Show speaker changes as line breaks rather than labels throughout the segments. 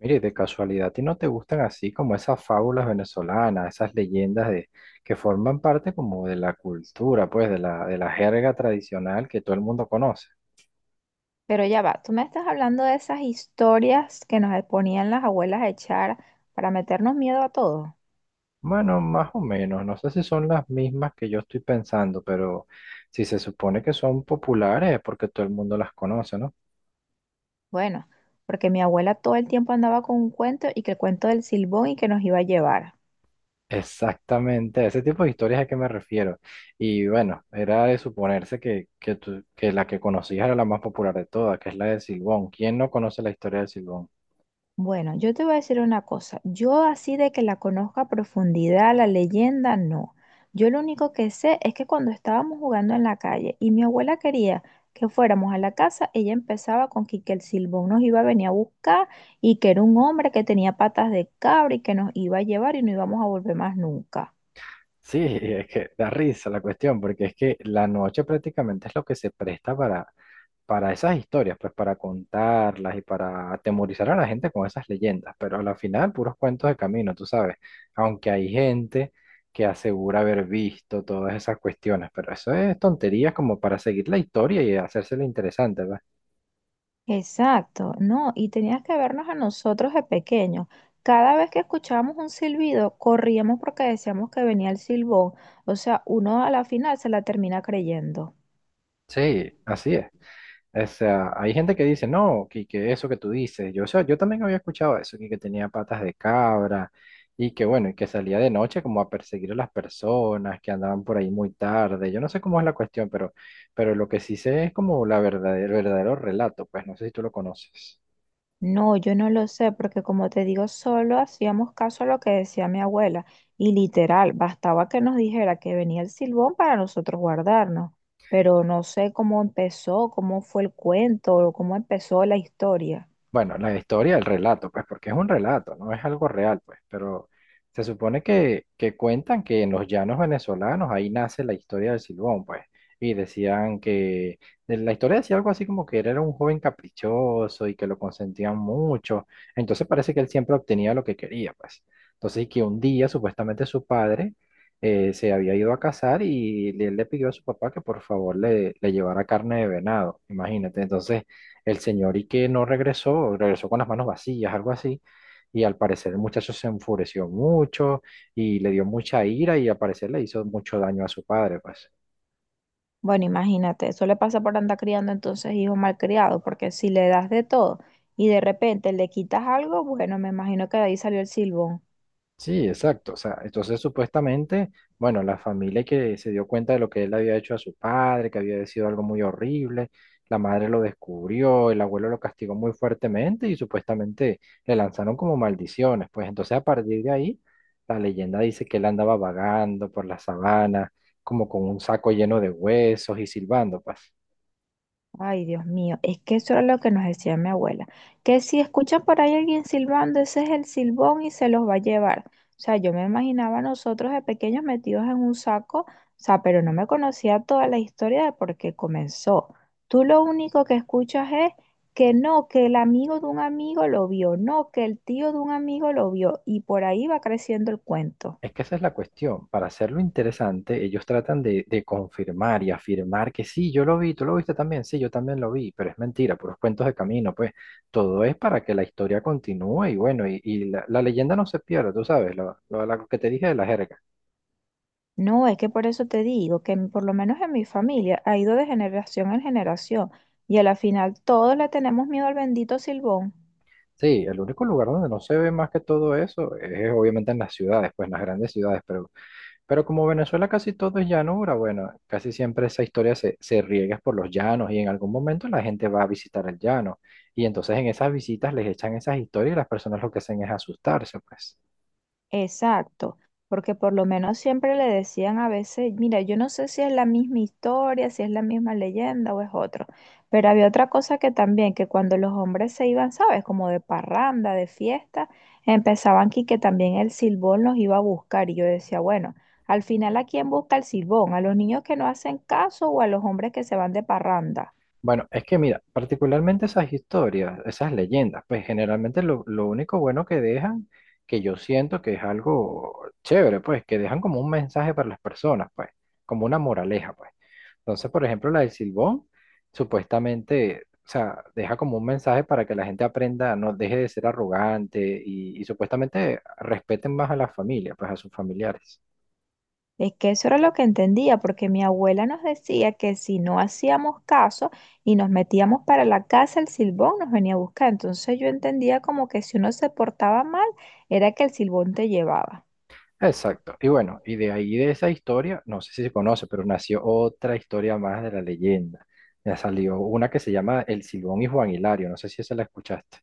Mire, de casualidad, ¿y no te gustan así como esas fábulas venezolanas, esas leyendas de que forman parte como de la cultura, pues de la jerga tradicional que todo el mundo conoce?
Pero ya va, tú me estás hablando de esas historias que nos ponían las abuelas a echar para meternos miedo a todos.
Bueno, más o menos, no sé si son las mismas que yo estoy pensando, pero si se supone que son populares es porque todo el mundo las conoce, ¿no?
Bueno, porque mi abuela todo el tiempo andaba con un cuento y que el cuento del silbón y que nos iba a llevar.
Exactamente, a ese tipo de historias a que me refiero. Y bueno, era de suponerse que la que conocías era la más popular de todas, que es la del Silbón. ¿Quién no conoce la historia del Silbón?
Bueno, yo te voy a decir una cosa. Yo así de que la conozca a profundidad, la leyenda, no. Yo lo único que sé es que cuando estábamos jugando en la calle y mi abuela quería que fuéramos a la casa, ella empezaba con que el silbón nos iba a venir a buscar y que era un hombre que tenía patas de cabra y que nos iba a llevar y no íbamos a volver más nunca.
Sí, es que da risa la cuestión, porque es que la noche prácticamente es lo que se presta para esas historias, pues para contarlas y para atemorizar a la gente con esas leyendas, pero a la final puros cuentos de camino, tú sabes, aunque hay gente que asegura haber visto todas esas cuestiones, pero eso es tonterías como para seguir la historia y hacérsela interesante, ¿verdad?
Exacto, no, y tenías que vernos a nosotros de pequeños. Cada vez que escuchábamos un silbido, corríamos porque decíamos que venía el silbón. O sea, uno a la final se la termina creyendo.
Sí, así es. O sea, hay gente que dice, no, que eso que tú dices, yo, o sea, yo también había escuchado eso, que tenía patas de cabra y que bueno, y que salía de noche como a perseguir a las personas que andaban por ahí muy tarde. Yo no sé cómo es la cuestión, pero lo que sí sé es como la verdad, el verdadero relato, pues no sé si tú lo conoces.
No, yo no lo sé, porque como te digo, solo hacíamos caso a lo que decía mi abuela. Y literal, bastaba que nos dijera que venía el silbón para nosotros guardarnos. Pero no sé cómo empezó, cómo fue el cuento, o cómo empezó la historia.
Bueno, la historia, el relato, pues, porque es un relato, no es algo real, pues, pero se supone que cuentan que en los llanos venezolanos ahí nace la historia del Silbón, pues, y decían que de la historia decía algo así como que él era un joven caprichoso y que lo consentían mucho. Entonces parece que él siempre obtenía lo que quería, pues. Y que un día supuestamente su padre se había ido a cazar y él le pidió a su papá que por favor le llevara carne de venado, imagínate. Entonces el señor y que no regresó, regresó con las manos vacías, algo así. Y al parecer el muchacho se enfureció mucho y le dio mucha ira y al parecer le hizo mucho daño a su padre, pues.
Bueno, imagínate, eso le pasa por andar criando entonces hijos malcriados, porque si le das de todo y de repente le quitas algo, bueno, me imagino que de ahí salió el silbón.
Sí, exacto. O sea, entonces supuestamente, bueno, la familia que se dio cuenta de lo que él había hecho a su padre, que había sido algo muy horrible, la madre lo descubrió, el abuelo lo castigó muy fuertemente y supuestamente le lanzaron como maldiciones. Pues entonces a partir de ahí, la leyenda dice que él andaba vagando por la sabana, como con un saco lleno de huesos y silbando, pues.
Ay, Dios mío, es que eso era lo que nos decía mi abuela, que si escuchan por ahí alguien silbando, ese es el silbón y se los va a llevar. O sea, yo me imaginaba a nosotros de pequeños metidos en un saco, o sea, pero no me conocía toda la historia de por qué comenzó. Tú lo único que escuchas es que no, que el amigo de un amigo lo vio, no, que el tío de un amigo lo vio, y por ahí va creciendo el cuento.
Es que esa es la cuestión. Para hacerlo interesante, ellos tratan de confirmar y afirmar que sí, yo lo vi, tú lo viste también, sí, yo también lo vi, pero es mentira, puros cuentos de camino, pues todo es para que la historia continúe y bueno, y la leyenda no se pierda, tú sabes, lo que te dije de la jerga.
No, es que por eso te digo que por lo menos en mi familia ha ido de generación en generación y a la final todos le tenemos miedo al bendito Silbón.
Sí, el único lugar donde no se ve más que todo eso es obviamente en las ciudades, pues en las grandes ciudades, pero como Venezuela casi todo es llanura, bueno, casi siempre esa historia se riega por los llanos y en algún momento la gente va a visitar el llano. Y entonces en esas visitas les echan esas historias y las personas lo que hacen es asustarse, pues.
Exacto, porque por lo menos siempre le decían a veces, mira, yo no sé si es la misma historia, si es la misma leyenda o es otro, pero había otra cosa que también, que cuando los hombres se iban, ¿sabes? Como de parranda, de fiesta, empezaban aquí que también el silbón los iba a buscar y yo decía, bueno, al final, ¿a quién busca el silbón? ¿A los niños que no hacen caso o a los hombres que se van de parranda?
Bueno, es que mira, particularmente esas historias, esas leyendas, pues generalmente lo único bueno que dejan, que yo siento que es algo chévere, pues que dejan como un mensaje para las personas, pues, como una moraleja, pues. Entonces, por ejemplo, la del Silbón, supuestamente, o sea, deja como un mensaje para que la gente aprenda, no deje de ser arrogante y supuestamente respeten más a la familia, pues a sus familiares.
Es que eso era lo que entendía, porque mi abuela nos decía que si no hacíamos caso y nos metíamos para la casa, el silbón nos venía a buscar. Entonces yo entendía como que si uno se portaba mal, era que el silbón te llevaba.
Exacto. Y bueno, y de ahí de esa historia, no sé si se conoce, pero nació otra historia más de la leyenda. Ya salió una que se llama El Silbón y Juan Hilario, no sé si esa la escuchaste.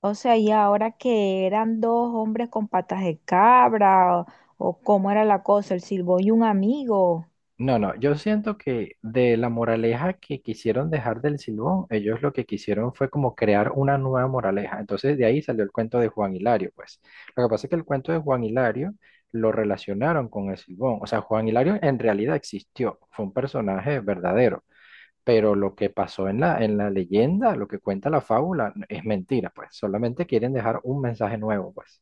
O sea, ¿y ahora que eran dos hombres con patas de cabra, o cómo era la cosa, el silbón y un amigo?
No, no, yo siento que de la moraleja que quisieron dejar del Silbón, ellos lo que quisieron fue como crear una nueva moraleja. Entonces de ahí salió el cuento de Juan Hilario, pues. Lo que pasa es que el cuento de Juan Hilario lo relacionaron con el Silbón. O sea, Juan Hilario en realidad existió, fue un personaje verdadero. Pero lo que pasó en en la leyenda, lo que cuenta la fábula, es mentira, pues. Solamente quieren dejar un mensaje nuevo, pues.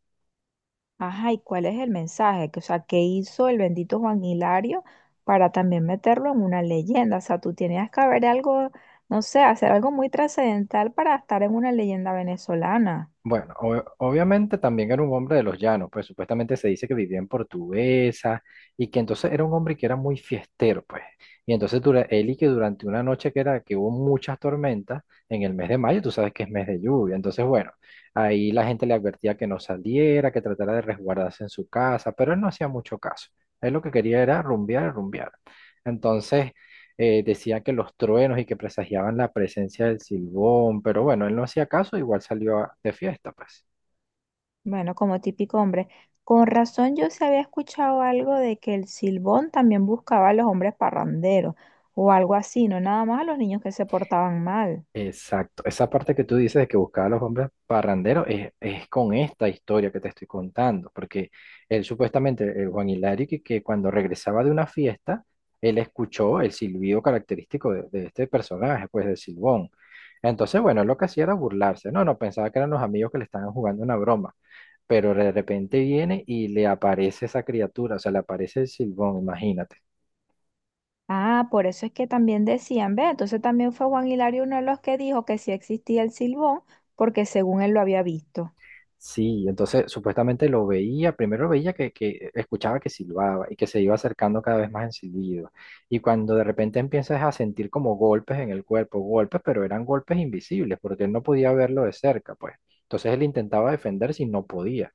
Ajá, ¿y cuál es el mensaje? Que, o sea, ¿qué hizo el bendito Juan Hilario para también meterlo en una leyenda? O sea, tú tenías que haber algo, no sé, hacer algo muy trascendental para estar en una leyenda venezolana.
Bueno, obviamente también era un hombre de los llanos, pues supuestamente se dice que vivía en Portuguesa y que entonces era un hombre que era muy fiestero, pues. Y entonces él y que durante una noche que era que hubo muchas tormentas en el mes de mayo, tú sabes que es mes de lluvia, entonces bueno, ahí la gente le advertía que no saliera, que tratara de resguardarse en su casa, pero él no hacía mucho caso. Él lo que quería era rumbear, rumbear. Entonces, decía que los truenos y que presagiaban la presencia del Silbón, pero bueno, él no hacía caso, igual salió de fiesta, pues.
Bueno, como típico hombre. Con razón yo se había escuchado algo de que el Silbón también buscaba a los hombres parranderos o algo así, no nada más a los niños que se portaban mal.
Exacto, esa parte que tú dices de que buscaba a los hombres parranderos es con esta historia que te estoy contando, porque él supuestamente, el Juan Hilario, que cuando regresaba de una fiesta, él escuchó el silbido característico de este personaje, pues del Silbón. Entonces, bueno, él lo que hacía era burlarse, no, no, pensaba que eran los amigos que le estaban jugando una broma, pero de repente viene y le aparece esa criatura, o sea, le aparece el silbón, imagínate.
Ah, por eso es que también decían, ve, entonces también fue Juan Hilario uno de los que dijo que sí existía el silbón, porque según él lo había visto.
Sí, entonces supuestamente lo veía, primero lo veía que escuchaba que silbaba y que se iba acercando cada vez más en silbido. Y cuando de repente empiezas a sentir como golpes en el cuerpo, golpes, pero eran golpes invisibles porque él no podía verlo de cerca, pues. Entonces él intentaba defenderse y no podía.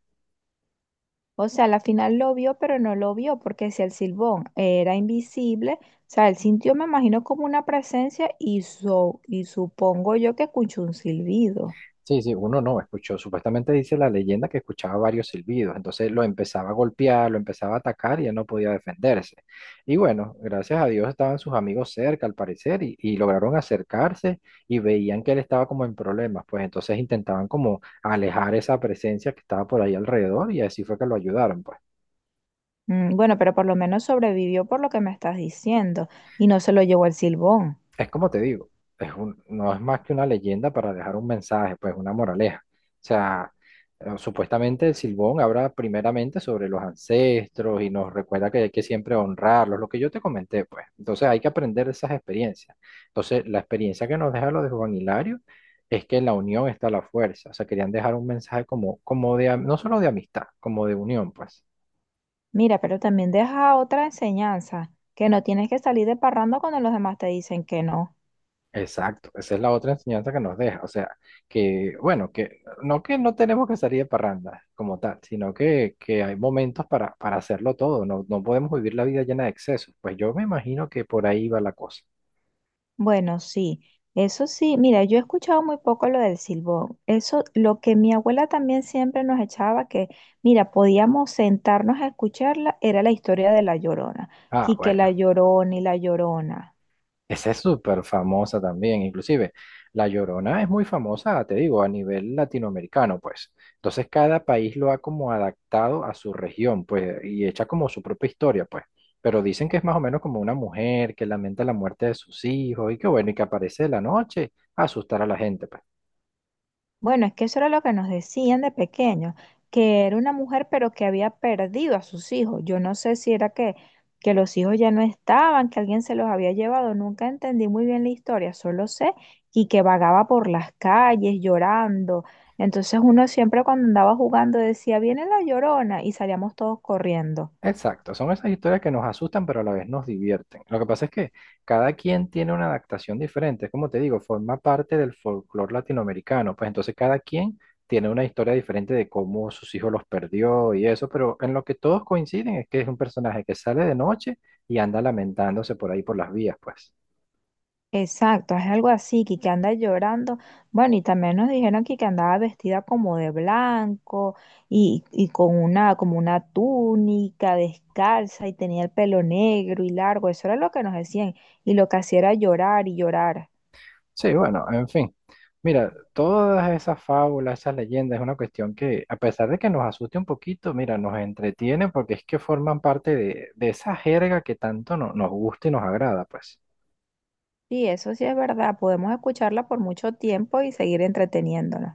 O sea, al final lo vio, pero no lo vio, porque si el silbón era invisible, o sea, él sintió, me imagino, como una presencia y, y supongo yo que escuchó un silbido.
Sí, sí, uno no escuchó. Supuestamente dice la leyenda que escuchaba varios silbidos. Entonces lo empezaba a golpear, lo empezaba a atacar y él no podía defenderse. Y bueno, gracias a Dios estaban sus amigos cerca, al parecer, y lograron acercarse y veían que él estaba como en problemas. Pues entonces intentaban como alejar esa presencia que estaba por ahí alrededor y así fue que lo ayudaron, pues.
Mm, bueno, pero por lo menos sobrevivió por lo que me estás diciendo y no se lo llevó el silbón.
Es como te digo, no es más que una leyenda para dejar un mensaje, pues una moraleja. O sea, supuestamente el Silbón habla primeramente sobre los ancestros y nos recuerda que hay que siempre honrarlos, lo que yo te comenté, pues. Entonces hay que aprender de esas experiencias. Entonces, la experiencia que nos deja lo de Juan Hilario es que en la unión está la fuerza. O sea, querían dejar un mensaje como, no solo de amistad, como de unión, pues.
Mira, pero también deja otra enseñanza, que no tienes que salir de parranda cuando los demás te dicen que no.
Exacto, esa es la otra enseñanza que nos deja. O sea, que, bueno, que no tenemos que salir de parranda como tal, sino que hay momentos para hacerlo todo. No, no podemos vivir la vida llena de excesos. Pues yo me imagino que por ahí va la cosa.
Bueno, sí, eso sí, mira, yo he escuchado muy poco lo del silbón. Eso, lo que mi abuela también siempre nos echaba, que, mira, podíamos sentarnos a escucharla, era la historia de la Llorona,
Ah,
Quique la
bueno.
Llorona y la Llorona.
Esa es súper famosa también, inclusive. La Llorona es muy famosa, te digo, a nivel latinoamericano, pues. Entonces cada país lo ha como adaptado a su región, pues, y echa como su propia historia, pues. Pero dicen que es más o menos como una mujer que lamenta la muerte de sus hijos y que bueno, y que aparece de la noche a asustar a la gente, pues.
Bueno, es que eso era lo que nos decían de pequeños, que era una mujer pero que había perdido a sus hijos. Yo no sé si era que los hijos ya no estaban, que alguien se los había llevado, nunca entendí muy bien la historia, solo sé y que vagaba por las calles llorando. Entonces uno siempre cuando andaba jugando decía, viene la llorona y salíamos todos corriendo.
Exacto, son esas historias que nos asustan pero a la vez nos divierten. Lo que pasa es que cada quien tiene una adaptación diferente, es como te digo, forma parte del folclore latinoamericano, pues entonces cada quien tiene una historia diferente de cómo sus hijos los perdió y eso, pero en lo que todos coinciden es que es un personaje que sale de noche y anda lamentándose por ahí por las vías, pues.
Exacto, es algo así, que anda llorando. Bueno, y también nos dijeron que andaba vestida como de blanco y con una, como una túnica descalza y tenía el pelo negro y largo. Eso era lo que nos decían. Y lo que hacía era llorar y llorar.
Sí, bueno, en fin. Mira, todas esas fábulas, esas leyendas, es una cuestión que, a pesar de que nos asuste un poquito, mira, nos entretiene porque es que forman parte de esa jerga que tanto nos gusta y nos agrada, pues.
Sí, eso sí es verdad. Podemos escucharla por mucho tiempo y seguir entreteniéndonos.